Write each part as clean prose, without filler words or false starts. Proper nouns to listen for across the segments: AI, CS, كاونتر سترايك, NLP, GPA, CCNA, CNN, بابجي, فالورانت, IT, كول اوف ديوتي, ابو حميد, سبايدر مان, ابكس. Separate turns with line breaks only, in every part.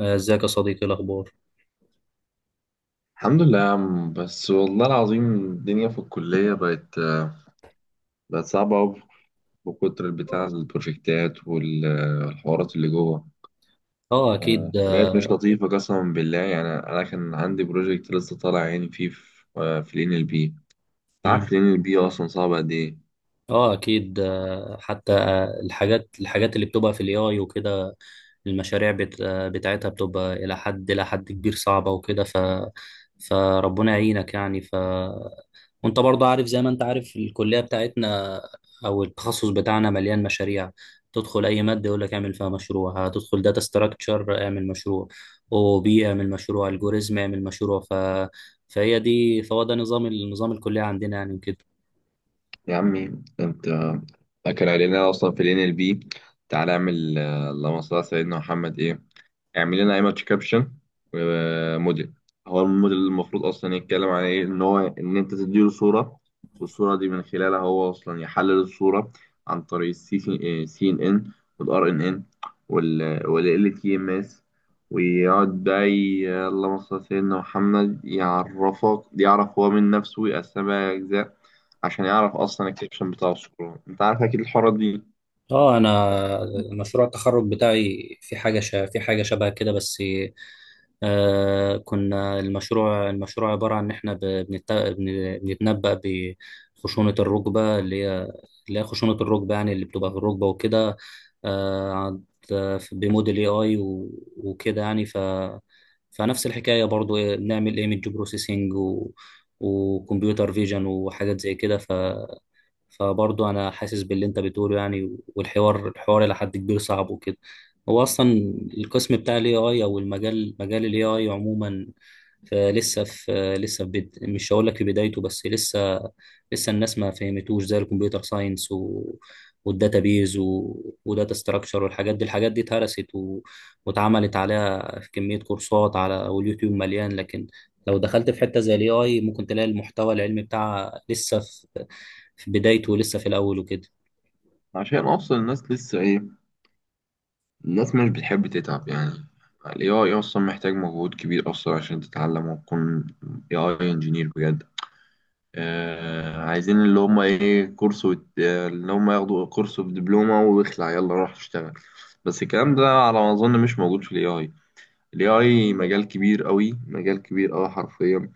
ازيك يا صديقي، إيه الاخبار؟
الحمد لله يا عم، بس والله العظيم الدنيا في الكلية بقت صعبة أوي. بكتر بتاع البروجكتات والحوارات اللي جوه.
اه اكيد.
بقت مش لطيفة قسما بالله. يعني أنا كان عندي بروجكت لسه طالع، يعني فيه في آه، في ال NLP. أنت عارف
مم.
ال NLP أصلا صعب قد إيه؟
اه اكيد. آه، حتى آه، الحاجات اللي بتبقى في الاي اي وكده. المشاريع بتاعتها بتبقى إلى حد كبير صعبة وكده. فربنا يعينك يعني. وأنت برضه عارف، زي ما أنت عارف، الكلية بتاعتنا أو التخصص بتاعنا مليان مشاريع. تدخل أي مادة يقول لك اعمل فيها مشروع، هتدخل داتا ستراكشر اعمل مشروع، أو بي اعمل مشروع، الجوريزم اعمل مشروع. ف... فهي دي فهو ده نظام الكلية عندنا يعني وكده.
يا عمي أنت أكل علينا أصلا في ال NLP. تعالى اعمل اللهم صل على سيدنا محمد إيه، اعمل لنا ايمج كابشن وموديل. هو الموديل المفروض اصلا يتكلم عن ايه، ان انت تديله صوره، والصوره دي من خلالها هو اصلا يحلل الصوره عن طريق السي سي ان ان والار ان ان والال تي ام اس، ويقعد بقى اللهم صل على سيدنا محمد يعرفك، يعرف هو من نفسه ويقسمها اجزاء عشان يعرف اصلا الكابشن بتاع الصوره. انت عارف اكيد الحوارات دي.
اه انا مشروع التخرج بتاعي في في حاجه شبه كده بس. آه، كنا المشروع عباره عن ان احنا بنتنبأ بخشونه الركبه، اللي هي خشونه الركبه، يعني اللي بتبقى في الركبه وكده. آه عند... بموديل اي اي وكده يعني. فنفس الحكايه برضو، إيه، بنعمل ايمج بروسيسنج وكمبيوتر فيجن وحاجات زي كده. فبرضه انا حاسس باللي انت بتقوله يعني، والحوار الى حد كبير صعب وكده. هو اصلا القسم بتاع الاي اي، او المجال، مجال الاي اي عموما، فلسه في مش هقول لك في بدايته، بس لسه. لسه الناس ما فهمتوش زي الكمبيوتر ساينس والداتابيز وداتا ستراكشر والحاجات دي. الحاجات دي اتهرست واتعملت عليها في كمية كورسات على واليوتيوب مليان. لكن لو دخلت في حتة زي الاي اي ممكن تلاقي المحتوى العلمي بتاعها لسه في بدايته، لسه في الأول وكده.
عشان اصلا الناس لسه ايه، الناس مش بتحب تتعب يعني. ال AI أصلا محتاج مجهود كبير أصلا عشان تتعلم وتكون AI engineer بجد. آه عايزين اللي هم إيه كورس وت... آه، اللي هم ياخدوا كورس بدبلومة واخلع، يلا روح اشتغل. بس الكلام ده على ما أظن مش موجود في ال AI. ال AI مجال كبير قوي، مجال كبير قوي حرفيا.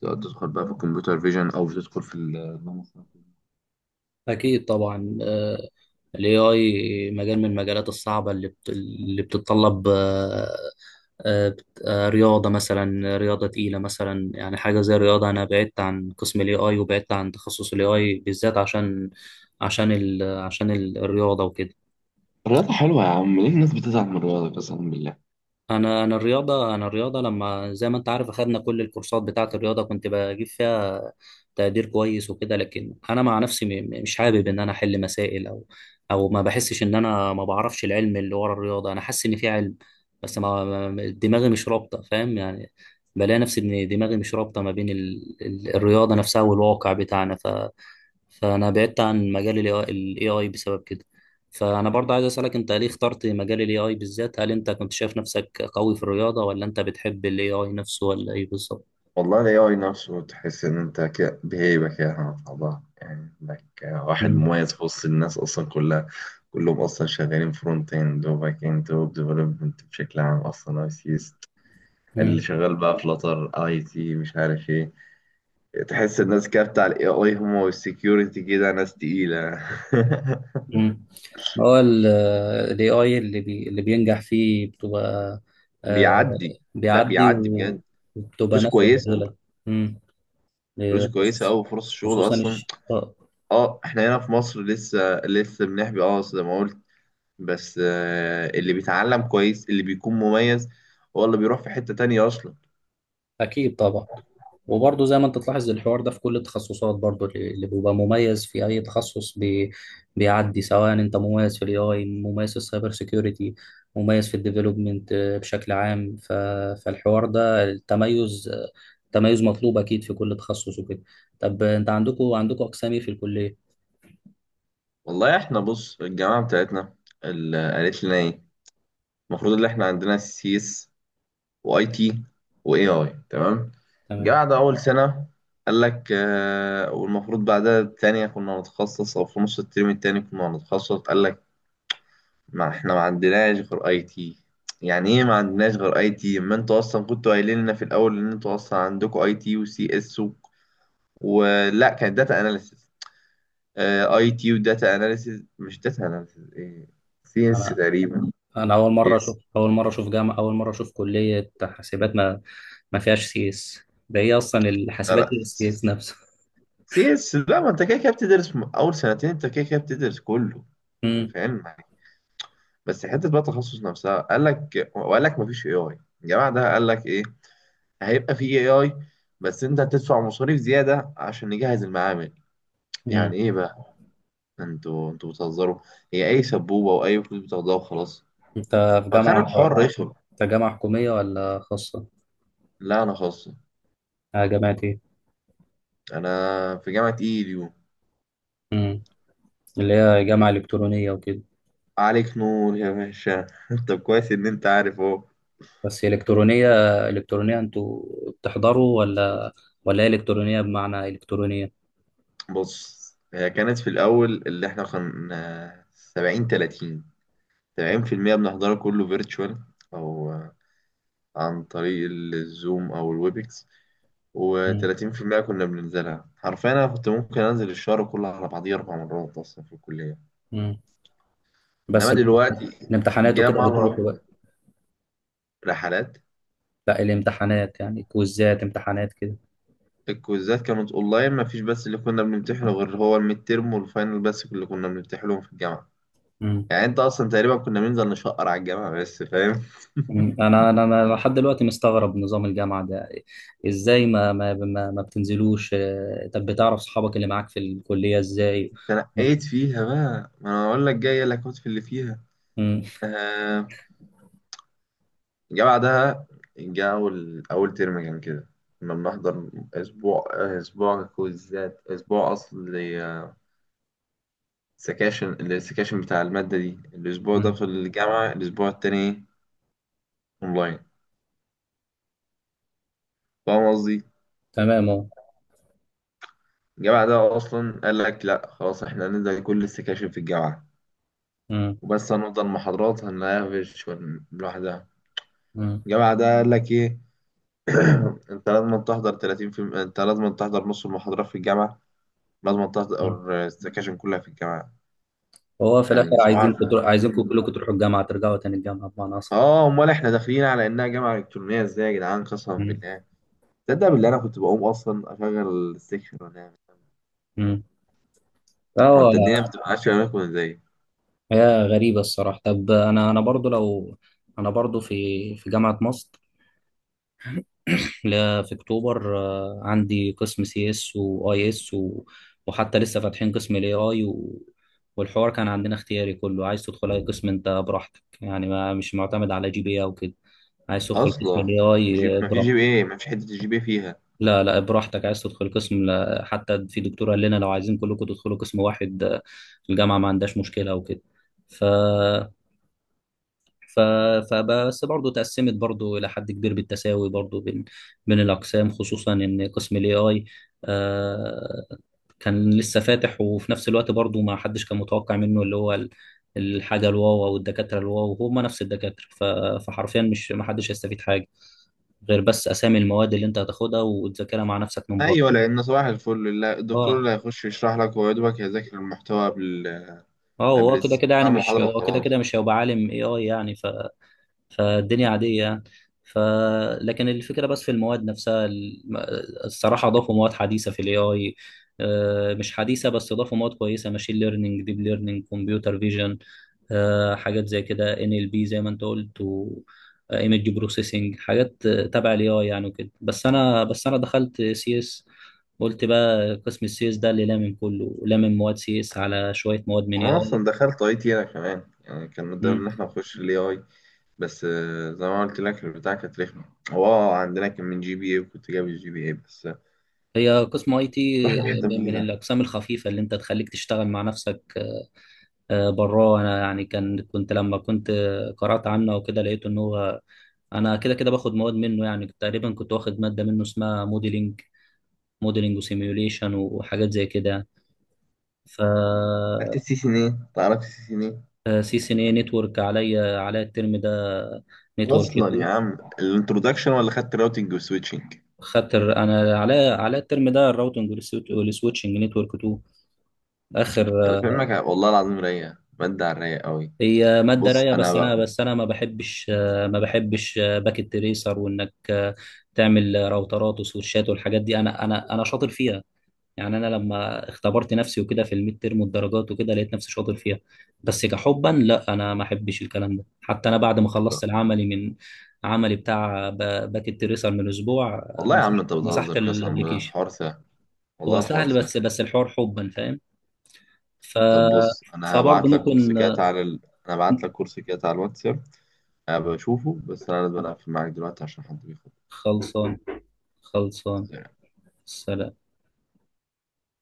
تقدر تدخل بقى في الكمبيوتر فيجن أو تدخل في
أكيد طبعا. ال AI مجال من المجالات الصعبة اللي اللي بتتطلب، رياضة مثلا، رياضة تقيلة مثلا، يعني حاجة زي الرياضة. أنا بعدت عن قسم ال AI وبعدت عن تخصص ال AI بالذات عشان، الرياضة وكده.
الرياضة حلوة يا عم، ليه الناس بتزعل من الرياضة قسما بالله؟
انا الرياضه، لما زي ما انت عارف اخدنا كل الكورسات بتاعه الرياضه، كنت بجيب فيها تقدير كويس وكده. لكن انا مع نفسي مش حابب ان انا احل مسائل او، او ما بحسش ان انا ما بعرفش العلم اللي ورا الرياضه. انا حاسس ان في علم، بس دماغي مش رابطه، فاهم يعني. بلاقي نفسي ان دماغي مش رابطه ما بين الرياضه نفسها والواقع بتاعنا. فانا بعدت عن مجال الاي اي بسبب كده. فانا برضه عايز اسالك، انت ليه اخترت مجال الاي اي بالذات؟ هل انت كنت شايف نفسك قوي في الرياضه، ولا انت بتحب الاي اي نفسه، ولا ايه بالظبط؟
والله ال AI نفسه تحس إن أنت كده بهيبة كده مع بعضها، يعني إنك واحد
مم.
مميز في وسط الناس أصلا كلها. كلهم أصلا شغالين فرونت إند وباك إند ويب ديفلوبمنت بشكل عام، أصلا أي سيس. اللي
مم.
شغال بقى فلاتر أي تي مش عارف إيه. تحس الناس كده بتاع ال AI هم والسكيورتي كده ناس تقيلة
مم. هو الاي اي اللي بينجح فيه بتبقى، آه،
بيعدي، لا
بيعدي
بيعدي بجد.
وبتبقى
فلوس
نفوة
كويسة،
لغيرك. مم.
فلوس كويسة
خصوصا،
أوي، فرص الشغل
خصوصا
أصلا.
الش... آه،
اه احنا هنا في مصر لسه لسه بنحبي، اه زي ما قلت. بس اللي بيتعلم كويس، اللي بيكون مميز هو اللي بيروح في حتة تانية أصلا.
اكيد طبعا. وبرضه زي ما انت تلاحظ، الحوار ده في كل التخصصات برضه. اللي بيبقى مميز في اي تخصص بي، بيعدي. سواء انت مميز في الاي اي، مميز في السايبر سيكيورتي، مميز في الديفلوبمنت بشكل عام. فالحوار ده، التميز، تميز مطلوب اكيد في كل تخصص وكده. طب انت عندكم اقسام ايه في الكليه؟
والله إحنا بص، الجامعة بتاعتنا اللي قالت لنا إيه، المفروض إن إحنا عندنا سي إس وأي تي وإي آي، تمام.
تمام.
الجامعة ده أول سنة قال لك والمفروض بعدها التانية كنا هنتخصص، أو في نص الترم التاني كنا هنتخصص. قال لك ما إحنا ما عندناش غير أي تي. يعني إيه ما عندناش غير أي تي؟ ما أنتوا أصلا كنتوا قايلين لنا في الأول إن أنتوا أصلا عندكوا أي تي وسي إس، ولا كانت داتا اناليسيس. اي تي وداتا اناليسيس، مش داتا اناليسيس ايه، سي اس
انا
تقريبا.
انا اول مره اشوف
يس.
اول مره اشوف جامعه، اول مره اشوف كليه حاسبات ما فيهاش سي اس. ده ايه اصلا
لا
الحاسبات،
لا،
إيه السي اس نفسه؟
سي اس لا، ما انت كده كده بتدرس اول سنتين، انت كده كده بتدرس كله. انا فاهم معاك. بس حته بقى التخصص نفسها، قال لك، وقال لك ما فيش اي اي. الجماعه ده قال لك ايه، هيبقى في اي اي، بس انت هتدفع مصاريف زياده عشان نجهز المعامل.
امم.
يعني ايه بقى؟ انتوا بتهزروا؟ هي اي سبوبه واي فلوس بتاخدوها وخلاص.
انت في
فكان
جامعة،
الحوار رخم.
انت جامعة حكومية ولا خاصة؟
لا، انا خاص.
اه جامعة ايه؟
انا في جامعة ايديو.
مم. اللي هي جامعة إلكترونية وكده.
عليك نور يا باشا طب كويس ان انت عارف اهو.
بس إلكترونية، إلكترونية انتوا بتحضروا، ولا، ولا هي إلكترونية بمعنى إلكترونية؟
بص، هي كانت في الاول اللي احنا كنا 70 30. 70% بنحضره كله فيرتشوال، او عن طريق الزوم او الويبكس،
مم.
و30% كنا بننزلها حرفيا. انا كنت ممكن انزل الشهر كله على بعضيه اربع مرات اصلا في الكلية.
مم. بس
انما دلوقتي
الامتحانات
جه
وكده
مرة
بتروحوا بقى؟
رحلات.
لا الامتحانات يعني، كويزات امتحانات كده.
الكويزات كانت اونلاين ما فيش، بس اللي كنا بنمتحنه غير هو الميد تيرم والفاينل بس، اللي كنا بنمتحنهم في الجامعه.
مم.
يعني انت اصلا تقريبا كنا بننزل نشقر على الجامعه بس، فاهم.
مم. انا انا أنا لحد دلوقتي مستغرب نظام الجامعه ده. ازاي ما بتنزلوش؟ طب بتعرف صحابك اللي معاك في الكليه ازاي؟
تنقيت فيها بقى، ما انا اقول لك جايه لك في اللي فيها.
مم.
آه، الجامعه ده جه اول ترم كان كده، كنا بنحضر اسبوع، اسبوع كويزات، اسبوع السكاشن بتاع الماده دي الاسبوع ده
مم.
في الجامعه، الاسبوع التاني اونلاين. فاهم قصدي.
تمام اهو.
الجامعة ده أصلا قال لك لأ خلاص، إحنا هننزل كل السكاشن في الجامعة،
مم.
وبس هنفضل محاضرات هنقفش لوحدها.
مم.
الجامعة ده قال لك إيه، أنت لازم تحضر نص المحاضرات في الجامعة، لازم
مم.
تحضر السكاشن كلها في الجامعة.
وهو في الاخر
يعني سبحان
عايزينكم تروح، عايزينكم
الله.
كلكم تروحوا الجامعه، ترجعوا تاني الجامعه بمعنى اصلا.
آه أمال إحنا داخلين على إنها جامعة إلكترونية إزاي يا جدعان قسما
مم.
بالله؟ تصدق بالله أنا كنت بقوم أصلا أشغل السكشن وأنام.
مم.
هو
فهو،
أنت الدنيا ما بتبقاش في أماكن إزاي؟
حياه غريبه الصراحه. طب انا انا برضو لو، انا برضو في، في جامعه مصر، لا في اكتوبر، عندي قسم سي اس واي اس، وحتى لسه فاتحين قسم الاي اي والحوار كان عندنا اختياري، كله عايز تدخل اي قسم انت براحتك يعني، ما مش معتمد على جي بي إيه او كده. عايز تدخل قسم
أصلا
الاي
جيب
اي
ما فيش جي
براحتك.
بي إيه، ما فيش حتة الجي بي إيه فيها.
لا براحتك عايز تدخل قسم. لا حتى في دكتور قال لنا لو عايزين كلكم تدخلوا قسم واحد، الجامعة ما عندهاش مشكلة وكده. ف ف فبس برضه تقسمت برضه إلى حد كبير بالتساوي برضه بين، بين الأقسام، خصوصا إن قسم ال AI آه، كان لسه فاتح. وفي نفس الوقت برضه ما حدش كان متوقع منه، اللي هو الحاجة الواو، أو الدكاترة الواو هم نفس الدكاترة. فحرفيا مش ما حدش هيستفيد حاجة غير بس أسامي المواد اللي أنت هتاخدها وتذاكرها مع نفسك من
ايوه
بره.
لان صباح الفل، لا، الدكتور
اه.
اللي هيخش يشرح لك هو يا دوبك هيذاكر المحتوى قبل
اه،
قبل بتاع المحاضره
هو كده
وخلاص.
كده مش هيبقى عالم اي اي يعني. فالدنيا عادية يعني. ف لكن الفكرة بس في المواد نفسها الصراحة اضافوا مواد حديثة في الاي اي، مش حديثة بس اضافوا مواد كويسة، ماشين ليرنينج، ديب ليرنينج، كمبيوتر فيجن، حاجات زي كده، ان ال بي زي ما انت قلت، و ايمج بروسيسنج، حاجات تبع الاي اي يعني وكده. بس انا دخلت سي اس، قلت بقى قسم السي اس ده اللي لامم كله، لامم مواد سي اس على شويه مواد من اي
وانا
اي.
اصلا دخلت اي تي انا كمان، يعني كان قدامنا
مم.
ان احنا نخش الاي اي، بس زي ما قلت لك البتاع كانت رخمه. هو عندنا كان من جي بي اي، وكنت جايب الجي بي اي بس،
هي قسم اي تي
رحنا في حته
من
مهيله.
الاقسام الخفيفه اللي انت تخليك تشتغل مع نفسك براه. انا يعني كان كنت لما كنت قرات عنه وكده لقيت ان هو انا كده كده باخد مواد منه يعني. تقريبا كنت واخد ماده منه اسمها موديلنج وسيميوليشن وحاجات زي كده يعني. ف
خدت السي سي ان ايه؟ تعرف السي سي ان ايه؟
سي سي ان اي نتورك، عليا الترم ده نتورك
اصلا يا
2.
عم الانترودكشن، ولا خدت راوتنج وسويتشنج؟
انا عليا الترم ده الراوتنج والسويتشنج، نتورك 2. اخر.
انا فاهمك والله العظيم، رايقه ماده على الرايق قوي.
هي ماده
بص
رايقه،
انا بقى.
بس انا ما بحبش، ما بحبش باكيت تريسر، وانك تعمل راوترات وسويتشات والحاجات دي. انا شاطر فيها يعني. انا لما اختبرت نفسي وكده في الميد ترم والدرجات وكده لقيت نفسي شاطر فيها، بس كحبا لا، انا ما احبش الكلام ده. حتى انا بعد ما خلصت العملي من، عملي بتاع باك التريسر من اسبوع،
والله يا عم انت
مسحت
بتهزر قسما بالله،
الابلكيشن.
الحوار سهل. والله
هو
الحوار
سهل،
سهل.
بس الحوار حبا، فاهم. ف
طب بص، انا
فبرضه
هبعت لك كورس
ممكن.
كده تعالى انا هبعت لك كورس كده على الواتساب. أنا بشوفه، بس انا لازم اقفل معاك دلوقتي عشان حد بيخبط.
خلصان خلصان. سلام.